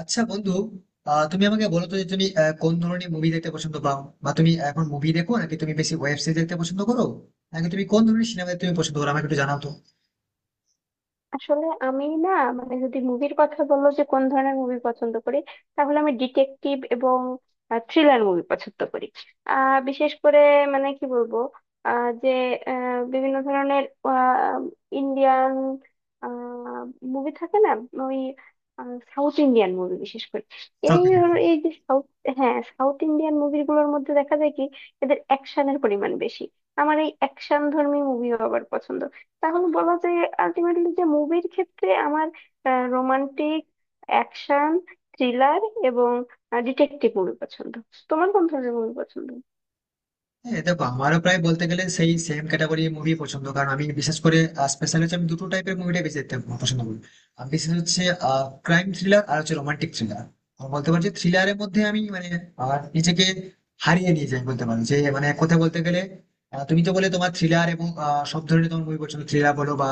আচ্ছা বন্ধু, তুমি আমাকে বলো তো যে তুমি কোন ধরনের মুভি দেখতে পছন্দ পাও, বা তুমি এখন মুভি দেখো নাকি তুমি বেশি ওয়েব সিরিজ দেখতে পছন্দ করো, নাকি তুমি কোন ধরনের সিনেমা দেখতে তুমি পছন্দ করো? আমাকে একটু জানাও তো। আসলে আমি না, মানে যদি মুভির কথা বললো যে কোন ধরনের মুভি পছন্দ করি, তাহলে আমি ডিটেকটিভ এবং থ্রিলার মুভি পছন্দ করি। বিশেষ করে মানে কি বলবো, আহ যে বিভিন্ন ধরনের ইন্ডিয়ান মুভি থাকে না, ওই সাউথ ইন্ডিয়ান মুভি বিশেষ করে। South Indian. এই যে সাউথ, হ্যাঁ সাউথ ইন্ডিয়ান মুভিগুলোর মধ্যে দেখা যায় কি এদের অ্যাকশনের পরিমাণ বেশি। আমার এই অ্যাকশন ধর্মী মুভিও আবার পছন্দ। তাহলে বলা যায় আলটিমেটলি যে মুভির ক্ষেত্রে আমার রোমান্টিক, অ্যাকশন, থ্রিলার এবং ডিটেকটিভ মুভি পছন্দ। তোমার কোন ধরনের মুভি পছন্দ? হ্যাঁ, দেখো, আমারও প্রায় বলতে গেলে সেই সেম ক্যাটাগরি মুভি পছন্দ, কারণ আমি বিশেষ করে স্পেশাল হচ্ছে, আমি দুটো টাইপের মুভিটা বেশি দেখতে পছন্দ করি। আমি বিশেষ হচ্ছে ক্রাইম থ্রিলার, আর হচ্ছে রোমান্টিক থ্রিলার। বলতে পারছি, থ্রিলারের মধ্যে আমি মানে নিজেকে হারিয়ে নিয়ে যাই, বলতে পারি যে মানে কথা বলতে গেলে। তুমি তো বলে তোমার থ্রিলার এবং সব ধরনের তোমার মুভি পছন্দ, থ্রিলার বলো বা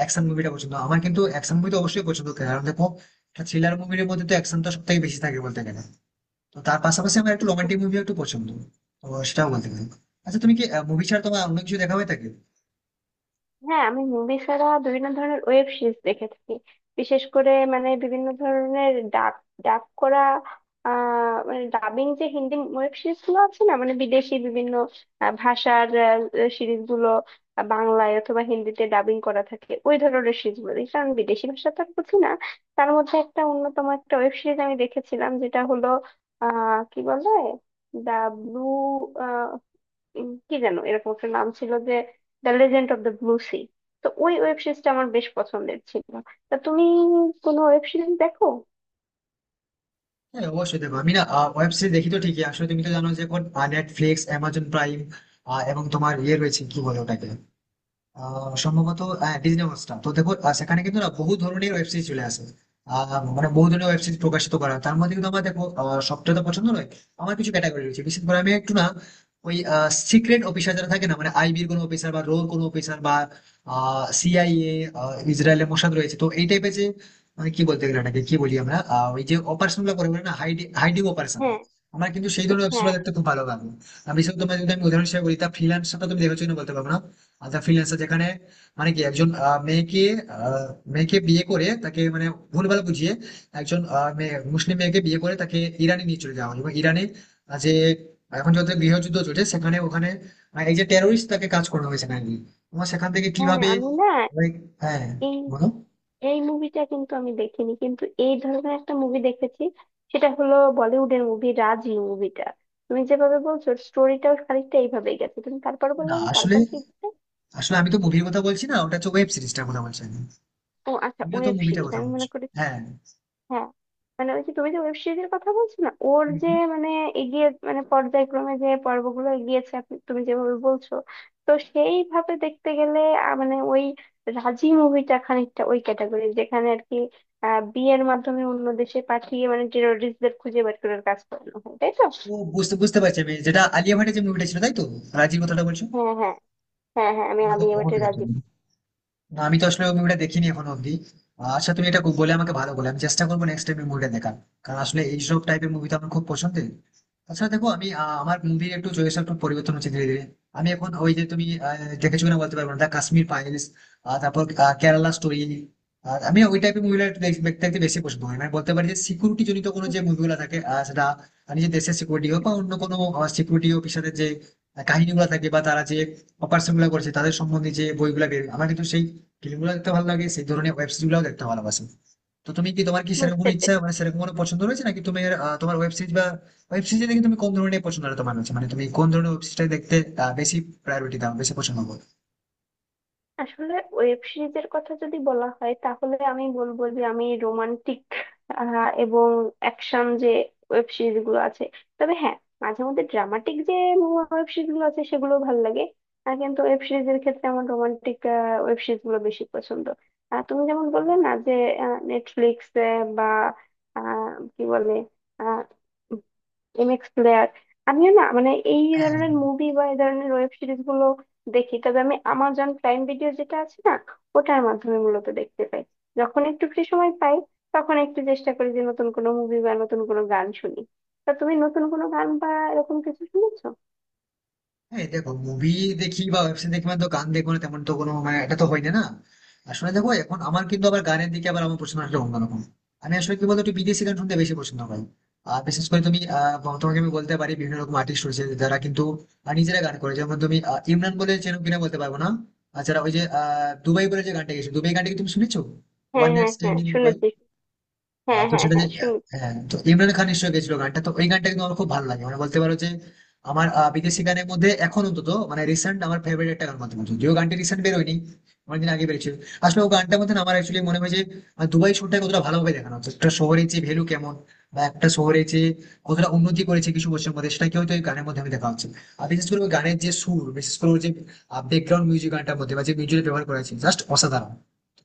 অ্যাকশন মুভিটা পছন্দ আমার, কিন্তু অ্যাকশন মুভি তো অবশ্যই পছন্দ, কারণ দেখো, থ্রিলার মুভির মধ্যে তো অ্যাকশন তো সব থেকে বেশি থাকে বলতে গেলে। তো তার পাশাপাশি আমার একটু রোমান্টিক মুভিও একটু পছন্দ, তো সেটাও বলতে পারি। আচ্ছা, তুমি কি মুভি ছাড়া তোমার অন্য কিছু দেখা হয়ে থাকে? হ্যাঁ, আমি মুভি ছাড়া বিভিন্ন ধরনের ওয়েব সিরিজ দেখে থাকি। বিশেষ করে মানে বিভিন্ন ধরনের ডাব, ডাব করা, মানে ডাবিং যে হিন্দি ওয়েব সিরিজ গুলো আছে না, মানে বিদেশি বিভিন্ন ভাষার সিরিজ গুলো বাংলায় অথবা হিন্দিতে ডাবিং করা থাকে, ওই ধরনের সিরিজ গুলো দেখি, কারণ বিদেশি ভাষা তো আর বুঝি না। তার মধ্যে একটা অন্যতম একটা ওয়েব সিরিজ আমি দেখেছিলাম যেটা হলো কি বলে, দা ব্লু, কি যেন এরকম একটা নাম ছিল যে the legend of the blue sea. তো ওই ওয়েব সিরিজটা আমার বেশ পছন্দের ছিল। তা তুমি কোনো ওয়েব সিরিজ দেখো? হ্যাঁ, অবশ্যই দেখো, আমি না ওয়েব সিরিজ দেখি তো ঠিকই। আসলে তুমি তো জানো যে এখন নেটফ্লিক্স, অ্যামাজন প্রাইম, এবং তোমার ইয়ে রয়েছে, কি বলে ওটাকে, সম্ভবত ডিজনি হটস্টার, তো দেখো সেখানে কিন্তু না বহু ধরনের ওয়েব সিরিজ চলে আসে। আহ, মানে বহু ধরনের ওয়েব সিরিজ প্রকাশিত করা হয়। তার মধ্যে কিন্তু আমার দেখো সবটা তো পছন্দ নয়। আমার কিছু ক্যাটাগরি রয়েছে, বিশেষ করে আমি একটু না, ওই সিক্রেট অফিসার যারা থাকে না, মানে আইবির কোনো অফিসার বা রোর কোনো অফিসার বা সিআইএ, ইসরায়েলের মোসাদ রয়েছে, তো এই টাইপের যে মানে কি বলতে গেলে এটাকে কি বলি আমরা, ওই যে অপারেশন গুলো করে, বলে না, হাইডিং অপারেশন। হ্যাঁ, আমার কিন্তু সেই ধরনের ওয়েব সিরিজ হ্যাঁ, দেখতে খুব ভালো লাগে। আমি বিশেষ করে তোমার যদি আমি উদাহরণ হিসেবে বলি, তা ফ্রিল্যান্সারটা তুমি দেখেছো না বলতে পারবো না। আচ্ছা, ফ্রিল্যান্সার যেখানে মানে কি একজন আহ, মেয়েকে বিয়ে করে, তাকে মানে ভুলভাল বুঝিয়ে, একজন মুসলিম মেয়েকে বিয়ে করে, তাকে ইরানে নিয়ে চলে যাওয়া হয়, এবং ইরানে যে এখন যত গৃহযুদ্ধ চলছে সেখানে ওখানে এই যে টেরোরিস্ট তাকে কাজ করানো হয়েছে নাকি, এবং সেখান থেকে হ্যাঁ, কিভাবে আমি না, like, হ্যাঁ, এই বলো। এই মুভিটা কিন্তু আমি দেখিনি, কিন্তু এই ধরনের একটা মুভি দেখেছি। সেটা হলো বলিউডের মুভি রাজি মুভিটা। তুমি যেভাবে বলছো স্টোরিটাও খানিকটা এইভাবেই গেছে। তুমি তারপর বললো না, যে আসলে তারপর কি হচ্ছে? আসলে আমি তো মুভির কথা বলছি না, ওটা হচ্ছে ওয়েব সিরিজটার কথা বলছি আমি। ও আচ্ছা, তুমিও তো ওয়েব মুভিটার সিরিজ কথা আমি বলছো। মনে করি, হ্যাঁ। হ্যাঁ। মানে ওই যে তুমি যে ওয়েব সিরিজের কথা বলছো না ওর হুম, যে হুম। মানে এগিয়ে মানে পর্যায়ক্রমে যে পর্বগুলো এগিয়েছে তুমি যেভাবে বলছো, তো সেইভাবে দেখতে গেলে মানে ওই রাজি মুভিটা খানিকটা ওই ক্যাটাগরি যেখানে আর কি। বিয়ের মাধ্যমে অন্য দেশে পাঠিয়ে মানে টেরোরিস্টদের খুঁজে বের করার কাজ করানো হয়, তাই তো? তো বুঝতে বুঝতে পারছি আমি, যেটা আলিয়া ভাটের যে মুভিটা ছিল তাই তো, রাজির কথাটা বলছো? হ্যাঁ, হ্যাঁ, হ্যাঁ, হ্যাঁ, আমি এরো আমি রো এবারে রো রাজি রো। না, আমি তো আসলে ওই মুভিটা দেখিনি এখনো অব্দি। আচ্ছা, তুমি এটা বলে আমাকে ভালো বলে, আমি চেষ্টা করবো নেক্সট টাইম মুভিটা দেখার, কারণ আসলে এইসব টাইপের মুভি তো আমার খুব পছন্দের। তাছাড়া দেখো, আমি আমার মুভির একটু চয়েস একটু পরিবর্তন হচ্ছে ধীরে ধীরে। আমি এখন ওই যে, তুমি দেখেছো কিনা বলতে পারবো না, দা কাশ্মীর ফাইলস, তারপর কেরালা স্টোরি। আমি ওই টাইপের মুভিগুলো একটু দেখতে দেখতে বেশি পছন্দ করি, মানে বলতে পারি যে সিকিউরিটি জনিত কোনো যে মুভিগুলো থাকে, সেটা নিজের দেশের সিকিউরিটি হোক বা অন্য কোনো সিকিউরিটি অফিসারের যে কাহিনীগুলো থাকে, বা তারা যে অপারেশন গুলো করছে তাদের সম্বন্ধে যে বইগুলো বের, আমার কিন্তু সেই ফিল্মগুলো দেখতে ভালো লাগে, সেই ধরনের ওয়েব সিরিজ গুলো দেখতে ভালোবাসি। তো তুমি কি, তোমার কি সেরকম বুঝতে কোনো ইচ্ছা পেরেছি। মানে সেরকম কোনো পছন্দ রয়েছে নাকি? তুমি তোমার ওয়েব সিরিজ বা ওয়েব সিরিজ দেখে তুমি কোন ধরনের পছন্দ তোমার রয়েছে, মানে তুমি কোন ধরনের ওয়েব সিরিজটা দেখতে বেশি প্রায়োরিটি দাও, বেশি পছন্দ করো? আসলে ওয়েব সিরিজের কথা যদি বলা হয়, তাহলে আমি বলবো যে আমি রোমান্টিক এবং অ্যাকশন যে ওয়েব সিরিজ গুলো আছে, তবে হ্যাঁ মাঝে মধ্যে ড্রামাটিক যে ওয়েব সিরিজ গুলো আছে সেগুলো ভালো লাগে। আর কিন্তু ওয়েব সিরিজের ক্ষেত্রে আমার রোমান্টিক ওয়েব সিরিজ গুলো বেশি পছন্দ। আর তুমি যেমন বললে না যে নেটফ্লিক্স বা কি বলে এমএক্স প্লেয়ার, আমিও না মানে এই হ্যাঁ। ধরনের মুভি বা এই ধরনের ওয়েব সিরিজ গুলো দেখি। তবে আমি আমাজন প্রাইম ভিডিও যেটা আছে না, ওটার মাধ্যমে মূলত দেখতে পাই। যখন একটু ফ্রি সময় পাই তখন একটু চেষ্টা করি যে নতুন কোনো মুভি বা নতুন কোনো গান শুনি। তা তুমি নতুন কোনো গান বা এরকম কিছু শুনেছো? হ্যাঁ, দেখো, মুভি দেখি বা ওয়েব সিরিজ দেখি, মানে তো গান দেখবো না, তেমন তো কোনো মানে, এটা তো হয় না না। আসলে দেখো, এখন আমার কিন্তু আবার গানের দিকে আবার আমার পছন্দ আসলে অন্যরকম। আমি আসলে কি বলতো, একটু বিদেশি গান শুনতে বেশি পছন্দ পাই। আর বিশেষ করে তুমি, তোমাকে আমি বলতে পারি বিভিন্ন রকম আর্টিস্ট রয়েছে যারা কিন্তু নিজেরা গান করে, যেমন তুমি ইমরান বলে চেনো কিনা বলতে পারবো না। আর যারা ওই যে দুবাই বলে যে গানটা গেছে, দুবাই গানটা কি তুমি শুনেছো? ওয়ান হ্যাঁ, নাইট হ্যাঁ, স্ট্যান্ড হ্যাঁ, ইন দুবাই। শুনেছি। হ্যাঁ, তো হ্যাঁ, সেটা যে, হ্যাঁ, শুনেছি। হ্যাঁ তো ইমরান খান নিশ্চয়ই গেছিল গানটা, তো ওই গানটা কিন্তু আমার খুব ভালো লাগে, মানে বলতে পারো যে আমার বিদেশি গানের মধ্যে এখন অন্তত মানে রিসেন্ট আমার ফেভারিট একটা গান বলতে পারো, যদিও গানটি রিসেন্ট বেরোয়নি, অনেকদিন আগে বেরিয়েছিল। আসলে ও গানটার মধ্যে না, আমার অ্যাকচুয়ালি মনে হয় যে দুবাই শহরটা কতটা ভালোভাবে দেখানো হচ্ছে, একটা শহরের যে ভ্যালু কেমন, বা একটা শহরে যে কতটা উন্নতি করেছে কিছু বছরের মধ্যে, সেটা কি হয়তো এই গানের মধ্যে আমি দেখা হচ্ছে। আর বিশেষ করে ওই গানের যে সুর, বিশেষ করে ওর যে ব্যাকগ্রাউন্ড মিউজিক গানটার মধ্যে বা যে মিউজিক ব্যবহার করা হয়েছে, জাস্ট অসাধারণ।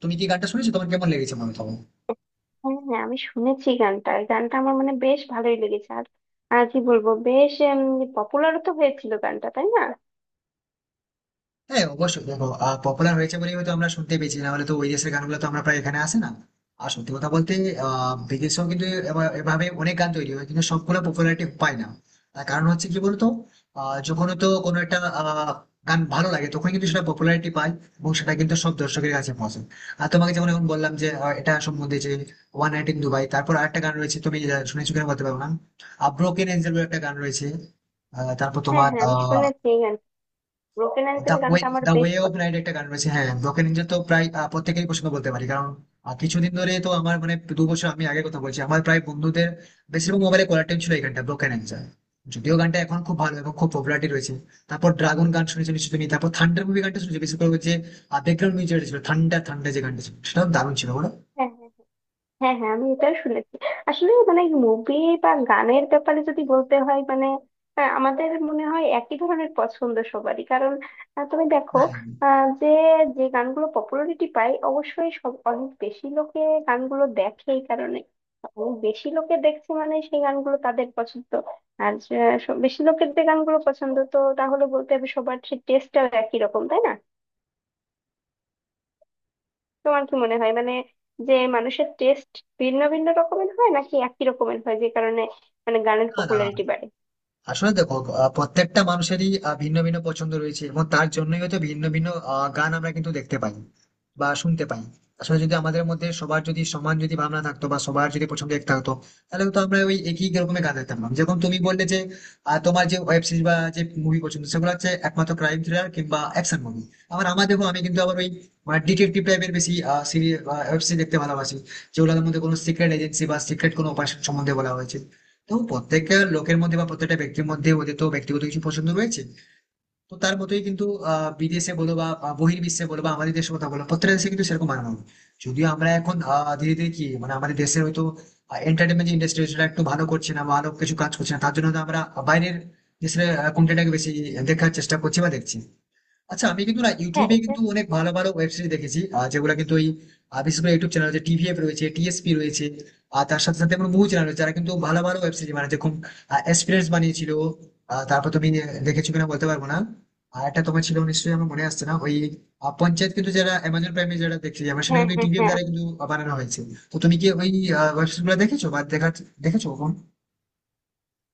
তুমি কি গানটা শুনেছো? তোমার কেমন লেগেছে মনে হয়? হ্যাঁ, হ্যাঁ, আমি শুনেছি গানটা। এই গানটা আমার মানে বেশ ভালোই লেগেছে। আর আর কি বলবো, বেশ পপুলারও তো হয়েছিল গানটা, তাই না? হ্যাঁ, অবশ্যই দেখো, পপুলার হয়েছে বলেই হয়তো আমরা শুনতে পেয়েছি, না হলে তো ওই দেশের গানগুলো তো আমরা প্রায় এখানে আসে না। আর সত্যি কথা বলতে বিদেশেও কিন্তু এভাবে অনেক গান তৈরি হয় কিন্তু সবগুলো পপুলারিটি পায় না। তার কারণ হচ্ছে কি বলতো, যখন তো কোনো একটা গান ভালো লাগে তখন কিন্তু সেটা পপুলারিটি পায়, এবং সেটা কিন্তু সব দর্শকের কাছে পৌঁছে। আর তোমাকে যেমন এখন বললাম যে এটা সম্বন্ধে যে ওয়ান নাইট ইন দুবাই, তারপর আরেকটা গান রয়েছে, তুমি শুনেছো কিনা বলতে পারবো না, ব্রোকেন এঞ্জেল একটা গান রয়েছে। তারপর হ্যাঁ, তোমার হ্যাঁ, আমি শুনেছি। ব্রোকেন দ্য অ্যাঙ্কেল ওয়ে গানটা আমার দ্য বেশ ওয়ে অফ পছন্দ। নাইট একটা গান রয়েছে। হ্যাঁ, ব্রোকেন এঞ্জেল তো প্রায় প্রত্যেকেই পছন্দ বলতে পারি, কারণ কিছুদিন ধরে তো আমার মানে 2 বছর আমি আগে কথা বলছি, আমার প্রায় বন্ধুদের বেশিরভাগ মোবাইলে কলার টিউন ছিল এই গানটা, ব্রোকেন এঞ্জেল। যদিও গানটা এখন খুব ভালো এবং খুব পপুলারিটি রয়েছে। তারপর ড্রাগন গান শুনেছি নিশ্চয়ই তুমি, তারপর থান্ডার মুভি গানটা শুনেছি, বিশেষ করে ওই যে ব্যাকগ্রাউন্ড মিউজিক ছিল, ঠান্ডা ঠান্ডা যে গানটা ছিল, সেটাও দারুণ ছিল, বলো? হ্যাঁ, হ্যাঁ, হ্যাঁ, হ্যাঁ, আমি এটা শুনেছি। আসলে মানে মুভি বা গানের ব্যাপারে যদি বলতে হয় মানে আমাদের মনে হয় একই ধরনের পছন্দ সবারই, কারণ তুমি দেখো হ্যাঁ। আহ, যে যে গানগুলো পপুলারিটি পায় অবশ্যই সব অনেক বেশি লোকে গানগুলো দেখে। এই কারণে অনেক বেশি লোকে দেখছে মানে সেই গানগুলো তাদের পছন্দ। আর যে বেশি লোকের যে গানগুলো পছন্দ তো তাহলে বলতে হবে সবার সেই টেস্টটাও একই রকম, তাই না? তোমার কি মনে হয় মানে যে মানুষের টেস্ট ভিন্ন ভিন্ন রকমের হয় নাকি একই রকমের হয় যে কারণে মানে গানের না, না, পপুলারিটি বাড়ে? আসলে দেখো, প্রত্যেকটা মানুষেরই ভিন্ন ভিন্ন পছন্দ রয়েছে, এবং তার জন্যই হয়তো ভিন্ন ভিন্ন গান আমরা কিন্তু দেখতে পাই বা শুনতে পাই। আসলে যদি আমাদের মধ্যে সবার যদি সমান যদি ভাবনা থাকতো বা সবার যদি পছন্দ এক থাকতো, তাহলে তো আমরা ওই একই রকমের গান দেখতাম না। যেমন তুমি বললে যে তোমার যে ওয়েব সিরিজ বা যে মুভি পছন্দ সেগুলো হচ্ছে একমাত্র ক্রাইম থ্রিলার কিংবা অ্যাকশন মুভি। আবার আমার দেখো, আমি কিন্তু আবার ওই ডিটেকটিভ টাইপের বেশি সিরিজ, ওয়েব সিরিজ দেখতে ভালোবাসি, যেগুলোর মধ্যে কোনো সিক্রেট এজেন্সি বা সিক্রেট কোনো অপারেশন সম্বন্ধে বলা হয়েছে। তো প্রত্যেকটা লোকের মধ্যে বা প্রত্যেকটা ব্যক্তির মধ্যে ওদের তো ব্যক্তিগত কিছু পছন্দ রয়েছে। তো তার মতোই কিন্তু বিদেশে বলো, বা বা বহির্বিশ্বে বলো, বা আমাদের দেশের কথা বলো, প্রত্যেকটা দেশে কিন্তু সেরকম মানানো। যদিও আমরা এখন ধীরে ধীরে কি মানে আমাদের দেশের হয়তো এন্টারটেনমেন্ট ইন্ডাস্ট্রি সেটা একটু ভালো করছে না, ভালো কিছু কাজ করছে না, তার জন্য হয়তো আমরা বাইরের দেশের কন্টেন্টটাকে বেশি দেখার চেষ্টা করছি বা দেখছি। আচ্ছা, আমি কিন্তু না হ্যাঁ, ইউটিউবে এটা, কিন্তু অনেক ভালো ভালো ওয়েব সিরিজ দেখেছি, আর যেগুলো কিন্তু ওই বিশেষ করে ইউটিউব চ্যানেল যে টিভিএফ রয়েছে, টিএসপি রয়েছে। আর তার সাথে সাথে আমার বহু চ্যানেল রয়েছে যারা কিন্তু ভালো ভালো ওয়েব সিরিজ বানাচ্ছে, খুব এক্সপিরিয়েন্স বানিয়েছিল, তারপর তুমি দেখেছো কিনা বলতে পারবো না। আর একটা তোমার ছিল নিশ্চয়ই, আমার মনে আসছে না ওই পঞ্চায়েত, কিন্তু যারা অ্যামাজন প্রাইমে যারা দেখছি আমরা, সেটা হ্যাঁ, কিন্তু হ্যাঁ, টিভিএফ হ্যাঁ, দ্বারা আমি। কিন্তু বানানো হয়েছে। তো তুমি কি ওই ওয়েব সিরিজ গুলো দেখেছো বা দেখেছো কখন?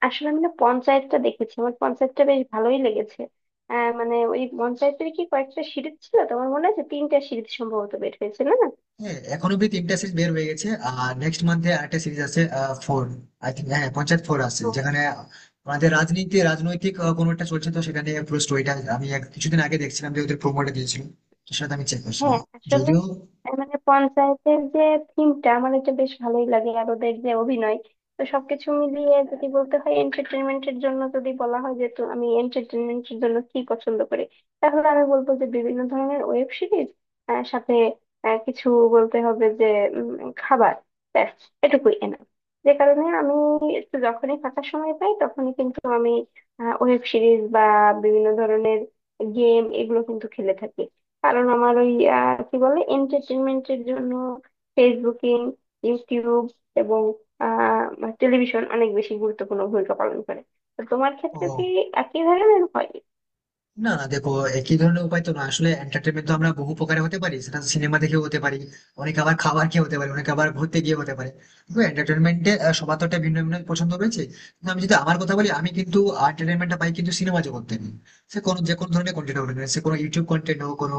আসলে আমি না পঞ্চায়েতটা দেখেছি, আমার পঞ্চায়েতটা বেশ ভালোই লেগেছে। মানে ওই পঞ্চায়েতের কি কয়েকটা সিরিজ ছিল তোমার মনে আছে? তিনটা সিরিজ সম্ভবত বের হয়েছে না? হ্যাঁ, এখন অব্দি তিনটা সিরিজ বের হয়ে গেছে, আর নেক্সট মান্থে আরেকটা সিরিজ আছে, ফোর আই থিঙ্ক। হ্যাঁ, পঞ্চায়েত ফোর আসছে, যেখানে আমাদের রাজনৈতিক কোনো একটা চলছে, তো সেখানে পুরো স্টোরিটা আমি কিছুদিন আগে দেখছিলাম যে ওদের প্রোমোটা দিয়েছিল, তো সেটা আমি চেক করছিলাম হ্যাঁ আসলে যদিও মানে পঞ্চায়েতের যে থিমটা আমার এটা বেশ ভালোই লাগে আর ওদের যে অভিনয়, তো সবকিছু মিলিয়ে যদি বলতে হয় এন্টারটেনমেন্টের জন্য যদি বলা হয় যে তো আমি এন্টারটেনমেন্টের জন্য কি পছন্দ করি, তাহলে আমি বলবো যে বিভিন্ন ধরনের ওয়েব সিরিজ, সাথে কিছু বলতে হবে যে খাবার, ব্যাস এটুকুই এনা। যে কারণে আমি একটু যখনই ফাঁকা সময় পাই তখনই কিন্তু আমি ওয়েব সিরিজ বা বিভিন্ন ধরনের গেম এগুলো কিন্তু খেলে থাকি। কারণ আমার ওই কি বলে এন্টারটেনমেন্টের জন্য ফেসবুকিং, ইউটিউব এবং টেলিভিশন অনেক বেশি গুরুত্বপূর্ণ ভূমিকা পালন করে। তো তোমার ক্ষেত্রে ও। কি একই ধরনের হয়? না, না, দেখো, একই ধরনের উপায় তো না, আসলে এন্টারটেনমেন্ট তো আমরা বহু প্রকারে হতে পারি, সেটা সিনেমা দেখেও হতে পারি, অনেকে আবার খাবার খেয়ে হতে পারে, অনেকে আবার ঘুরতে গিয়ে হতে পারে। তো এন্টারটেনমেন্টে সবার তো একটা ভিন্ন ভিন্ন পছন্দ রয়েছে, কিন্তু আমি যদি আমার কথা বলি, আমি কিন্তু এন্টারটেনমেন্টটা পাই কিন্তু সিনেমা জগৎ থেকে, সে কোনো যে কোনো ধরনের কন্টেন্ট হোক না কেন, সে কোনো ইউটিউব কন্টেন্ট হোক, কোনো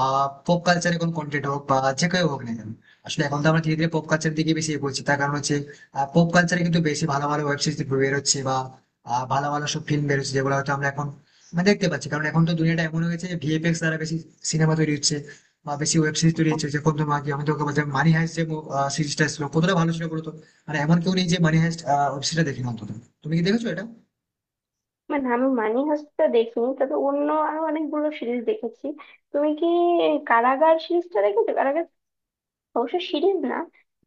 পপ কালচারের কোনো কন্টেন্ট হোক, বা যে কেউ হোক না কেন। আসলে এখন তো আমরা ধীরে ধীরে পপ কালচার দিকে বেশি এগোচ্ছি, তার কারণ হচ্ছে পপ কালচারে কিন্তু বেশি ভালো ভালো ওয়েব সিরিজ বেরোচ্ছে, বা ভালো ভালো সব ফিল্ম বেরোচ্ছে যেগুলো হয়তো আমরা এখন দেখতে পাচ্ছি, কারণ এখন তো দুনিয়াটা এমন হয়ে গেছে যে ভিএফএক্স দ্বারা বেশি সিনেমা তৈরি হচ্ছে বা বেশি ওয়েব সিরিজ তৈরি হচ্ছে। যে কত আগে আমি তোকে বলছি, মানি হাইস্ট যে সিরিজটা ছিল, কতটা ভালো ছিল বলতো! মানে এমন কেউ নেই যে মানি হাইস্ট ওয়েব সিরিজটা দেখি না অন্তত। তুমি কি দেখেছো এটা? মানে আমি মানি হাইস্টটা দেখিনি, তবে অন্য আরো অনেকগুলো সিরিজ দেখেছি। তুমি কি কারাগার সিরিজটা দেখেছো? অবশ্য সিরিজ না,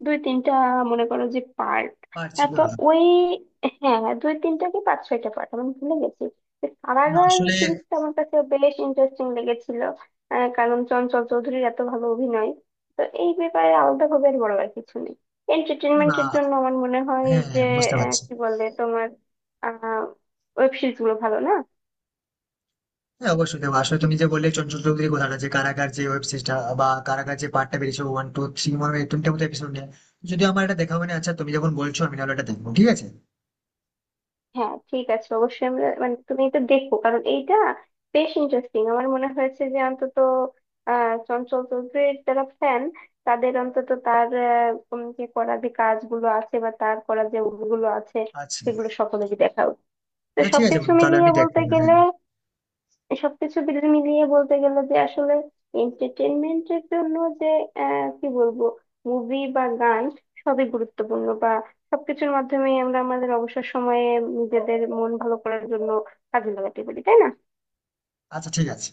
দুই তিনটা মনে করো যে পার্ট, পারছি না। তো ওই হ্যাঁ দুই তিনটা কি পাঁচ ছয়টা পার্ট আমি ভুলে গেছি। তো না, কারাগার আসলে। সিরিজটা আমার কাছে বেশ ইন্টারেস্টিং লেগেছিল, কারণ চঞ্চল চৌধুরীর এত ভালো অভিনয়, তো এই ব্যাপারে আলাদা ভাবে আর বড় আর কিছু নেই না, না। এন্টারটেনমেন্টের জন্য আমার মনে হয় হ্যাঁ, যে হ্যাঁ, বুঝতে পারছি। কি বলে তোমার আহ ওয়েব সিরিজ গুলো ভালো না। হ্যাঁ, অবশ্যই দেখো, আসলে তুমি যে বললে চঞ্চল চৌধুরীর কথাটা, যে কারাগার যে ওয়েব সিরিজটা বা কারাগার যে পার্টটা বেরিয়েছে ওয়ান টু থ্রি, মনে হয় তিনটে মতো এপিসোড নিয়ে, যদিও আমার এটা দেখা হয়নি। আচ্ছা, তুমি যখন বলছো, আমি তাহলে এটা দেখবো ঠিক আছে। হ্যাঁ ঠিক আছে, অবশ্যই আমরা মানে তুমি এটা দেখো কারণ এইটা বেশ ইন্টারেস্টিং আমার মনে হয়েছে। যে অন্তত চঞ্চল চৌধুরীর যারা ফ্যান, তাদের অন্তত তার যে করা যে কাজগুলো আছে বা তার করা যে গুলো আছে, আচ্ছা। সেগুলো সকলেরই দেখা উচিত। তো আচ্ছা, ঠিক আছে সবকিছু বন্ধু, তাহলে মিলিয়ে আমি বলতে দেখবো। হ্যাঁ, গেলে, সবকিছু মিলিয়ে বলতে গেলে যে আসলে এন্টারটেনমেন্টের জন্য যে কি বলবো মুভি বা গান, সবই গুরুত্বপূর্ণ বা সবকিছুর মাধ্যমেই আমরা আমাদের অবসর সময়ে নিজেদের মন ভালো করার জন্য কাজে লাগাতে পারি, তাই না? আচ্ছা, ঠিক আছে।